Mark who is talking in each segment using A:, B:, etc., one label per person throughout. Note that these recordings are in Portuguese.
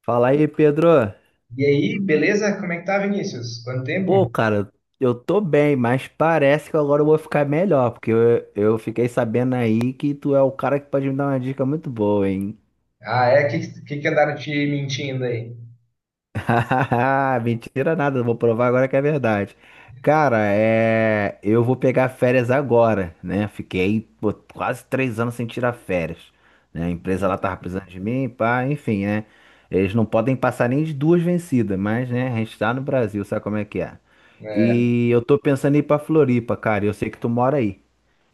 A: Fala aí, Pedro.
B: E aí, beleza? Como é que tá, Vinícius? Quanto tempo?
A: Pô, cara, eu tô bem, mas parece que agora eu vou ficar melhor, porque eu fiquei sabendo aí que tu é o cara que pode me dar uma dica muito boa, hein?
B: Ah, é? O que andaram te mentindo aí?
A: Mentira nada, vou provar agora que é verdade. Cara, eu vou pegar férias agora, né? Fiquei pô, quase 3 anos sem tirar férias, né? A empresa
B: Hum.
A: lá tava precisando de mim, pá, enfim, né? Eles não podem passar nem de 2 vencidas, mas, né, a gente tá no Brasil, sabe como é que é?
B: É.
A: E eu tô pensando em ir pra Floripa, cara, e eu sei que tu mora aí.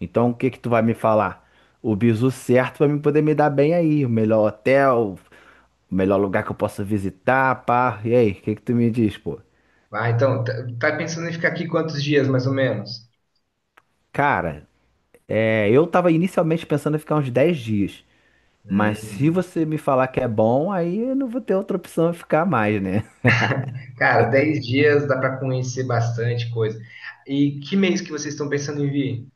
A: Então, o que que tu vai me falar? O bizu certo pra mim poder me dar bem aí, o melhor hotel, o melhor lugar que eu possa visitar, pá. E aí, o que que tu me diz, pô?
B: Ah, então, tá pensando em ficar aqui quantos dias, mais ou menos?
A: Cara, eu tava inicialmente pensando em ficar uns 10 dias. Mas se
B: Hum.
A: você me falar que é bom, aí eu não vou ter outra opção de ficar mais, né?
B: Cara, 10 dias dá pra conhecer bastante coisa. E que mês que vocês estão pensando em vir?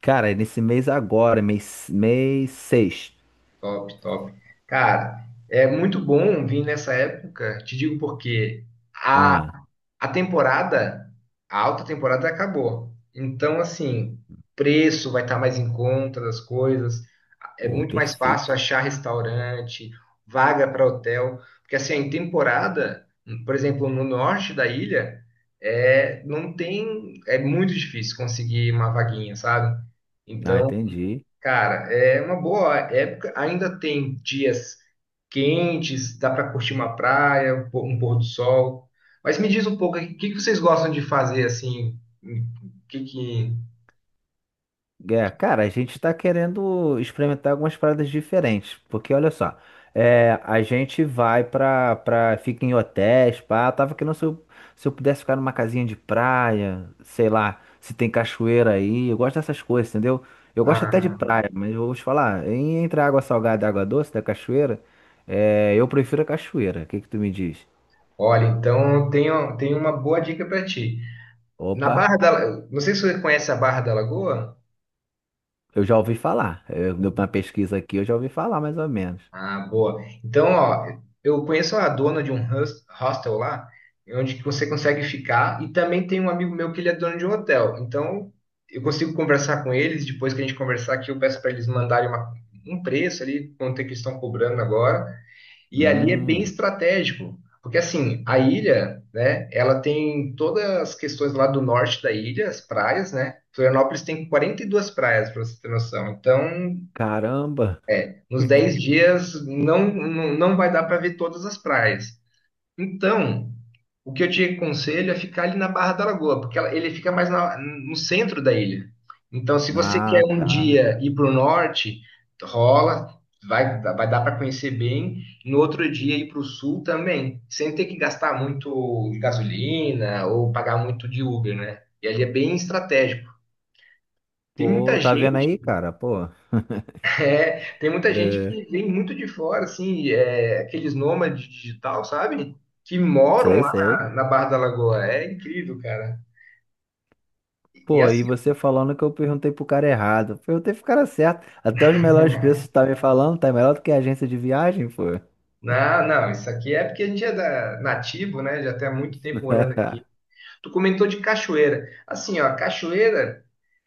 A: Cara, é nesse mês agora, mês seis.
B: Top, top. Cara, é muito bom vir nessa época. Te digo por quê.
A: Ah,
B: A temporada, a alta temporada acabou. Então, assim, preço vai estar mais em conta das coisas, é
A: pô,
B: muito mais fácil
A: perfeito.
B: achar restaurante, vaga para hotel, porque assim, em temporada, por exemplo, no norte da ilha, é, não tem, é muito difícil conseguir uma vaguinha, sabe?
A: Ah,
B: Então,
A: entendi.
B: cara, é uma boa época. Ainda tem dias quentes, dá para curtir uma praia, um pôr do sol. Mas me diz um pouco, o que que vocês gostam de fazer assim? O que que...
A: É, cara, a gente tá querendo experimentar algumas paradas diferentes, porque olha só, a gente vai pra fica em hotéis, pá, tava querendo se eu pudesse ficar numa casinha de praia, sei lá, se tem cachoeira aí, eu gosto dessas coisas, entendeu? Eu gosto até de
B: Ah,
A: praia, mas eu vou te falar, entre a água salgada e a água doce da cachoeira, eu prefiro a cachoeira, o que que tu me diz?
B: olha, então eu tenho uma boa dica para ti. Na
A: Opa,
B: Barra da, La- Não sei se você conhece a Barra da Lagoa.
A: eu já ouvi falar, eu, deu uma pesquisa aqui, eu já ouvi falar mais ou menos.
B: Ah, boa. Então, ó, eu conheço a dona de um hostel lá, onde que você consegue ficar, e também tem um amigo meu que ele é dono de um hotel. Então, eu consigo conversar com eles, depois que a gente conversar aqui, eu peço para eles mandarem um preço ali, quanto é que eles estão cobrando agora. E ali é bem
A: Hum,
B: estratégico, porque assim, a ilha, né, ela tem todas as questões lá do norte da ilha, as praias, né? Florianópolis tem 42 praias, para você ter noção. Então,
A: caramba.
B: nos 10 dias não, vai dar para ver todas as praias. Então, o que eu te aconselho é ficar ali na Barra da Lagoa, porque ele fica mais no centro da ilha. Então, se você quer
A: Ah,
B: um
A: tá.
B: dia ir para o norte, rola, vai dar para conhecer bem. No outro dia ir para o sul também, sem ter que gastar muito de gasolina ou pagar muito de Uber, né? E ali é bem estratégico. Tem
A: Pô,
B: muita
A: tá vendo
B: gente
A: aí, cara? Pô,
B: É, tem muita gente
A: é,
B: que vem muito de fora, assim, é, aqueles nômades digital, sabe? Que moram
A: sei,
B: lá
A: sei.
B: na Barra da Lagoa. É incrível, cara. E
A: Pô, aí
B: assim,
A: você falando que eu perguntei pro cara errado. Eu perguntei pro cara certo. Até os melhores preços tá me falando, tá melhor do que a agência de viagem, pô.
B: não, não, isso aqui é porque a gente é nativo, né? Já tem há muito tempo morando aqui. Tu comentou de cachoeira. Assim, ó, cachoeira.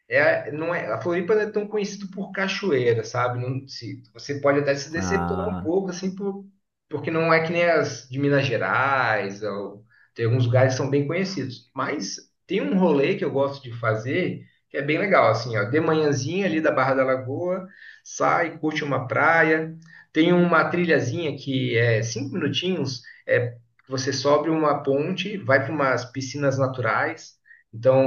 B: É, não é, a Floripa não é tão conhecida por cachoeira, sabe? Não, se, você pode até se decepcionar um
A: Ah,
B: pouco, assim, porque não é que nem as de Minas Gerais, ou, tem alguns lugares que são bem conhecidos. Mas tem um rolê que eu gosto de fazer, que é bem legal, assim, ó, de manhãzinha ali da Barra da Lagoa, sai, curte uma praia, tem uma trilhazinha que é 5 minutinhos, é, você sobe uma ponte, vai para umas piscinas naturais,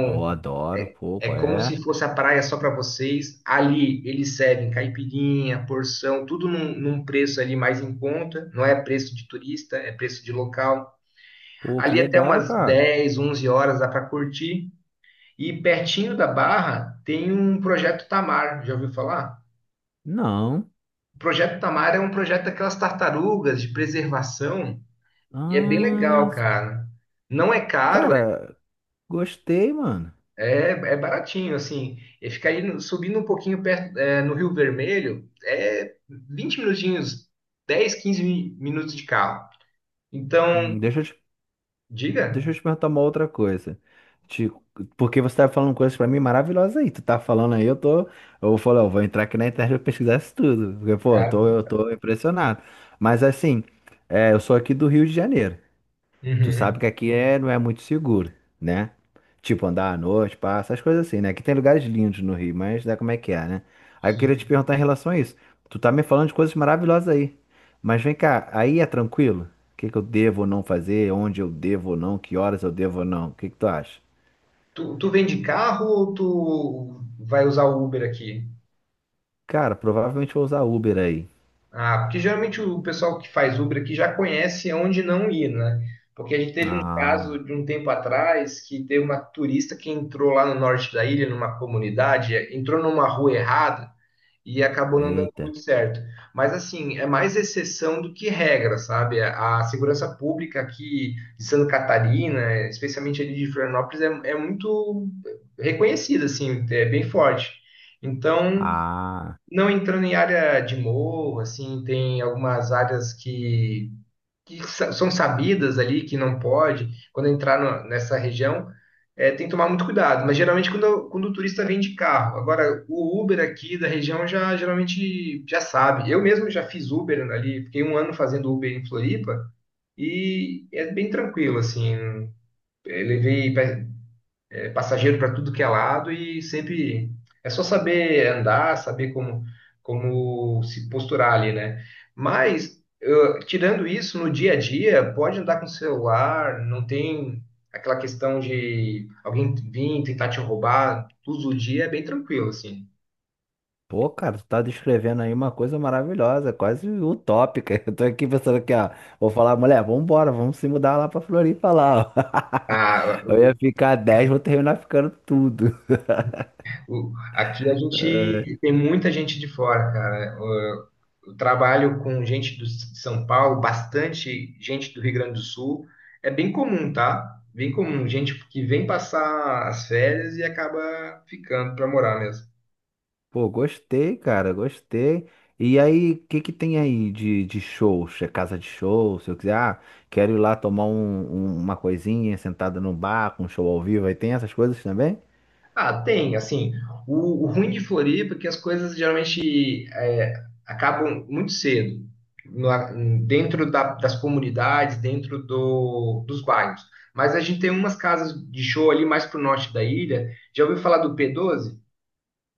A: eu adoro, pô,
B: é
A: qual
B: como
A: é?
B: se fosse a praia só para vocês. Ali eles servem caipirinha, porção, tudo num preço ali mais em conta. Não é preço de turista, é preço de local.
A: Pô, que
B: Ali até
A: legal,
B: umas
A: cara.
B: 10, 11 horas dá para curtir. E pertinho da Barra tem um projeto Tamar. Já ouviu falar?
A: Não.
B: O projeto Tamar é um projeto daquelas tartarugas de preservação e é bem legal,
A: Ah,
B: cara. Não é caro.
A: cara, gostei, mano.
B: É, é baratinho, assim. E ficar aí subindo um pouquinho perto, é, no Rio Vermelho é 20 minutinhos, 10, 15 minutos de carro.
A: Hum,
B: Então,
A: deixa eu te
B: diga.
A: Deixa eu te perguntar uma outra coisa. Te- porque você tá falando coisas pra mim maravilhosas aí. Tu tá falando aí, eu tô. Eu falei, eu vou entrar aqui na internet e pesquisar isso tudo. Porque, pô,
B: Cara.
A: eu tô impressionado. Mas assim, é, eu sou aqui do Rio de Janeiro. Tu sabe
B: Uhum,
A: que aqui é, não é muito seguro, né? Tipo, andar à noite, passa, essas coisas assim, né? Aqui tem lugares lindos no Rio, mas é como é que é, né? Aí eu queria te
B: sim.
A: perguntar em relação a isso. Tu tá me falando de coisas maravilhosas aí. Mas vem cá, aí é tranquilo? O que que eu devo ou não fazer? Onde eu devo ou não? Que horas eu devo ou não? O que que tu acha?
B: Tu vem de carro ou tu vai usar o Uber aqui?
A: Cara, provavelmente vou usar Uber aí.
B: Ah, porque geralmente o pessoal que faz Uber aqui já conhece onde não ir, né? Porque a gente teve um
A: Ah,
B: caso de um tempo atrás que teve uma turista que entrou lá no norte da ilha, numa comunidade, entrou numa rua errada e acabou não dando
A: eita.
B: muito certo. Mas, assim, é mais exceção do que regra, sabe? A segurança pública aqui de Santa Catarina, especialmente ali de Florianópolis, é muito reconhecida, assim, é bem forte. Então,
A: Ah.
B: não entrando em área de morro, assim, tem algumas áreas que são sabidas ali, que não pode, quando entrar nessa região, é, tem que tomar muito cuidado. Mas geralmente quando o turista vem de carro. Agora, o Uber aqui da região já geralmente já sabe. Eu mesmo já fiz Uber ali, fiquei um ano fazendo Uber em Floripa e é bem tranquilo, assim. Eu levei é passageiro para tudo que é lado e sempre é só saber andar, saber como se posturar ali, né? Mas tirando isso no dia a dia, pode andar com o celular, não tem aquela questão de alguém vir tentar te roubar, todo dia é bem tranquilo assim.
A: Pô, cara, tu tá descrevendo aí uma coisa maravilhosa, quase utópica. Eu tô aqui pensando aqui, ó. Vou falar, mulher, vambora, vamos se mudar lá pra Floripa lá,
B: Ah,
A: ó. Eu ia ficar 10, vou terminar ficando tudo.
B: Aqui a gente tem muita gente de fora, cara. Eu trabalho com gente de São Paulo, bastante gente do Rio Grande do Sul. É bem comum, tá? Bem comum, gente que vem passar as férias e acaba ficando para morar mesmo.
A: Pô, gostei, cara, gostei. E aí, o que que tem aí de shows? É casa de show? Se eu quiser, ah, quero ir lá tomar uma coisinha sentada num bar, com um show ao vivo, aí tem essas coisas também?
B: Ah, tem, assim, o ruim de Floripa é que as coisas geralmente é, acabam muito cedo, dentro das comunidades, dentro dos bairros. Mas a gente tem umas casas de show ali mais pro norte da ilha. Já ouviu falar do P12?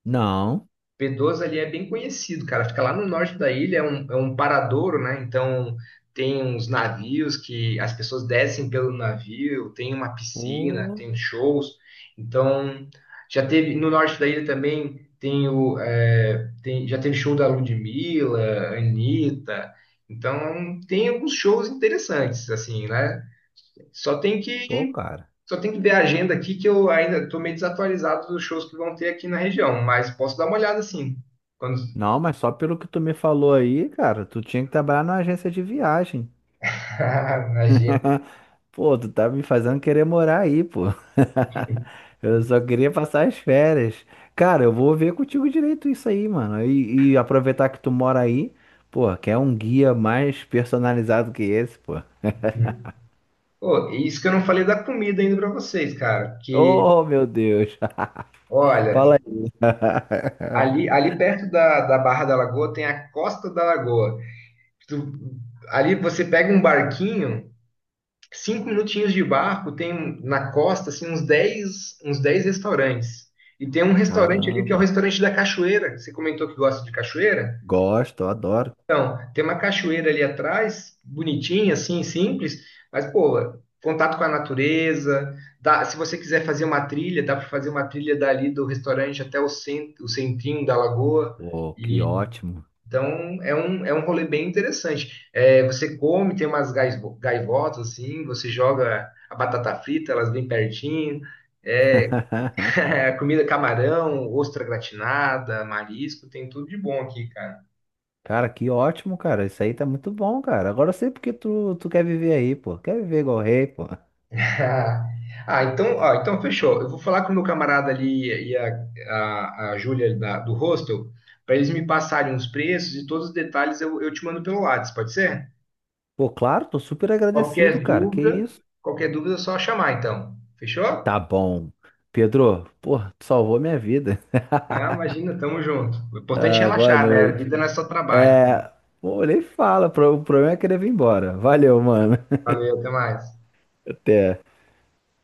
A: Não.
B: P12 ali é bem conhecido, cara. Fica lá no norte da ilha, é um paradouro, né? Então tem uns navios que as pessoas descem pelo navio, tem uma piscina,
A: Pô,
B: tem shows. Então já teve no norte da ilha também tem o já teve show da Ludmilla, Anitta. Então tem alguns shows interessantes, assim, né? Só tem
A: pô,
B: que
A: cara.
B: só tem que ver a agenda aqui que eu ainda estou meio desatualizado dos shows que vão ter aqui na região, mas posso dar uma olhada assim. Quando
A: Não, mas só pelo que tu me falou aí, cara, tu tinha que trabalhar numa agência de viagem.
B: na agenda.
A: Pô, tu tá me fazendo querer morar aí, pô. Eu só queria passar as férias. Cara, eu vou ver contigo direito isso aí, mano. E aproveitar que tu mora aí, pô, quer um guia mais personalizado que esse, pô.
B: Pô, e isso que eu não falei da comida ainda para vocês, cara, que
A: Oh, meu Deus.
B: olha,
A: Fala aí.
B: ali perto da Barra da Lagoa tem a Costa da Lagoa. Tu- ali você pega um barquinho 5 minutinhos de barco tem um, na costa assim, uns dez restaurantes. E tem um restaurante ali que é o
A: Caramba.
B: restaurante da cachoeira. Você comentou que gosta de cachoeira?
A: Gosto, adoro.
B: Tem uma cachoeira ali atrás, bonitinha, assim, simples, mas, pô, contato com a natureza. Se você quiser fazer uma trilha, dá para fazer uma trilha dali do restaurante até o centrinho da lagoa.
A: Pô, que ótimo.
B: Então, é um rolê bem interessante. É, você come, tem umas gaivotas, assim, você joga a batata frita, elas vêm pertinho. É, comida camarão, ostra gratinada, marisco, tem tudo de bom aqui, cara.
A: Cara, que ótimo, cara. Isso aí tá muito bom, cara. Agora eu sei porque tu quer viver aí, pô. Quer viver igual rei, pô.
B: Ah, então, ó, então fechou. Eu vou falar com o meu camarada ali e a Júlia do hostel, para eles me passarem os preços e todos os detalhes eu te mando pelo WhatsApp, pode ser?
A: Pô, claro, tô super agradecido,
B: Qualquer
A: cara. Que
B: dúvida,
A: isso?
B: qualquer dúvida é só chamar, então. Fechou?
A: Tá bom. Pedro, pô, tu salvou minha vida.
B: Ah, imagina, tamo junto. O importante é
A: Ah, boa
B: relaxar, né? A vida não
A: noite.
B: é só trabalho.
A: É, pô, nem fala. O problema é querer vir embora. Valeu, mano.
B: Valeu, até mais.
A: Até.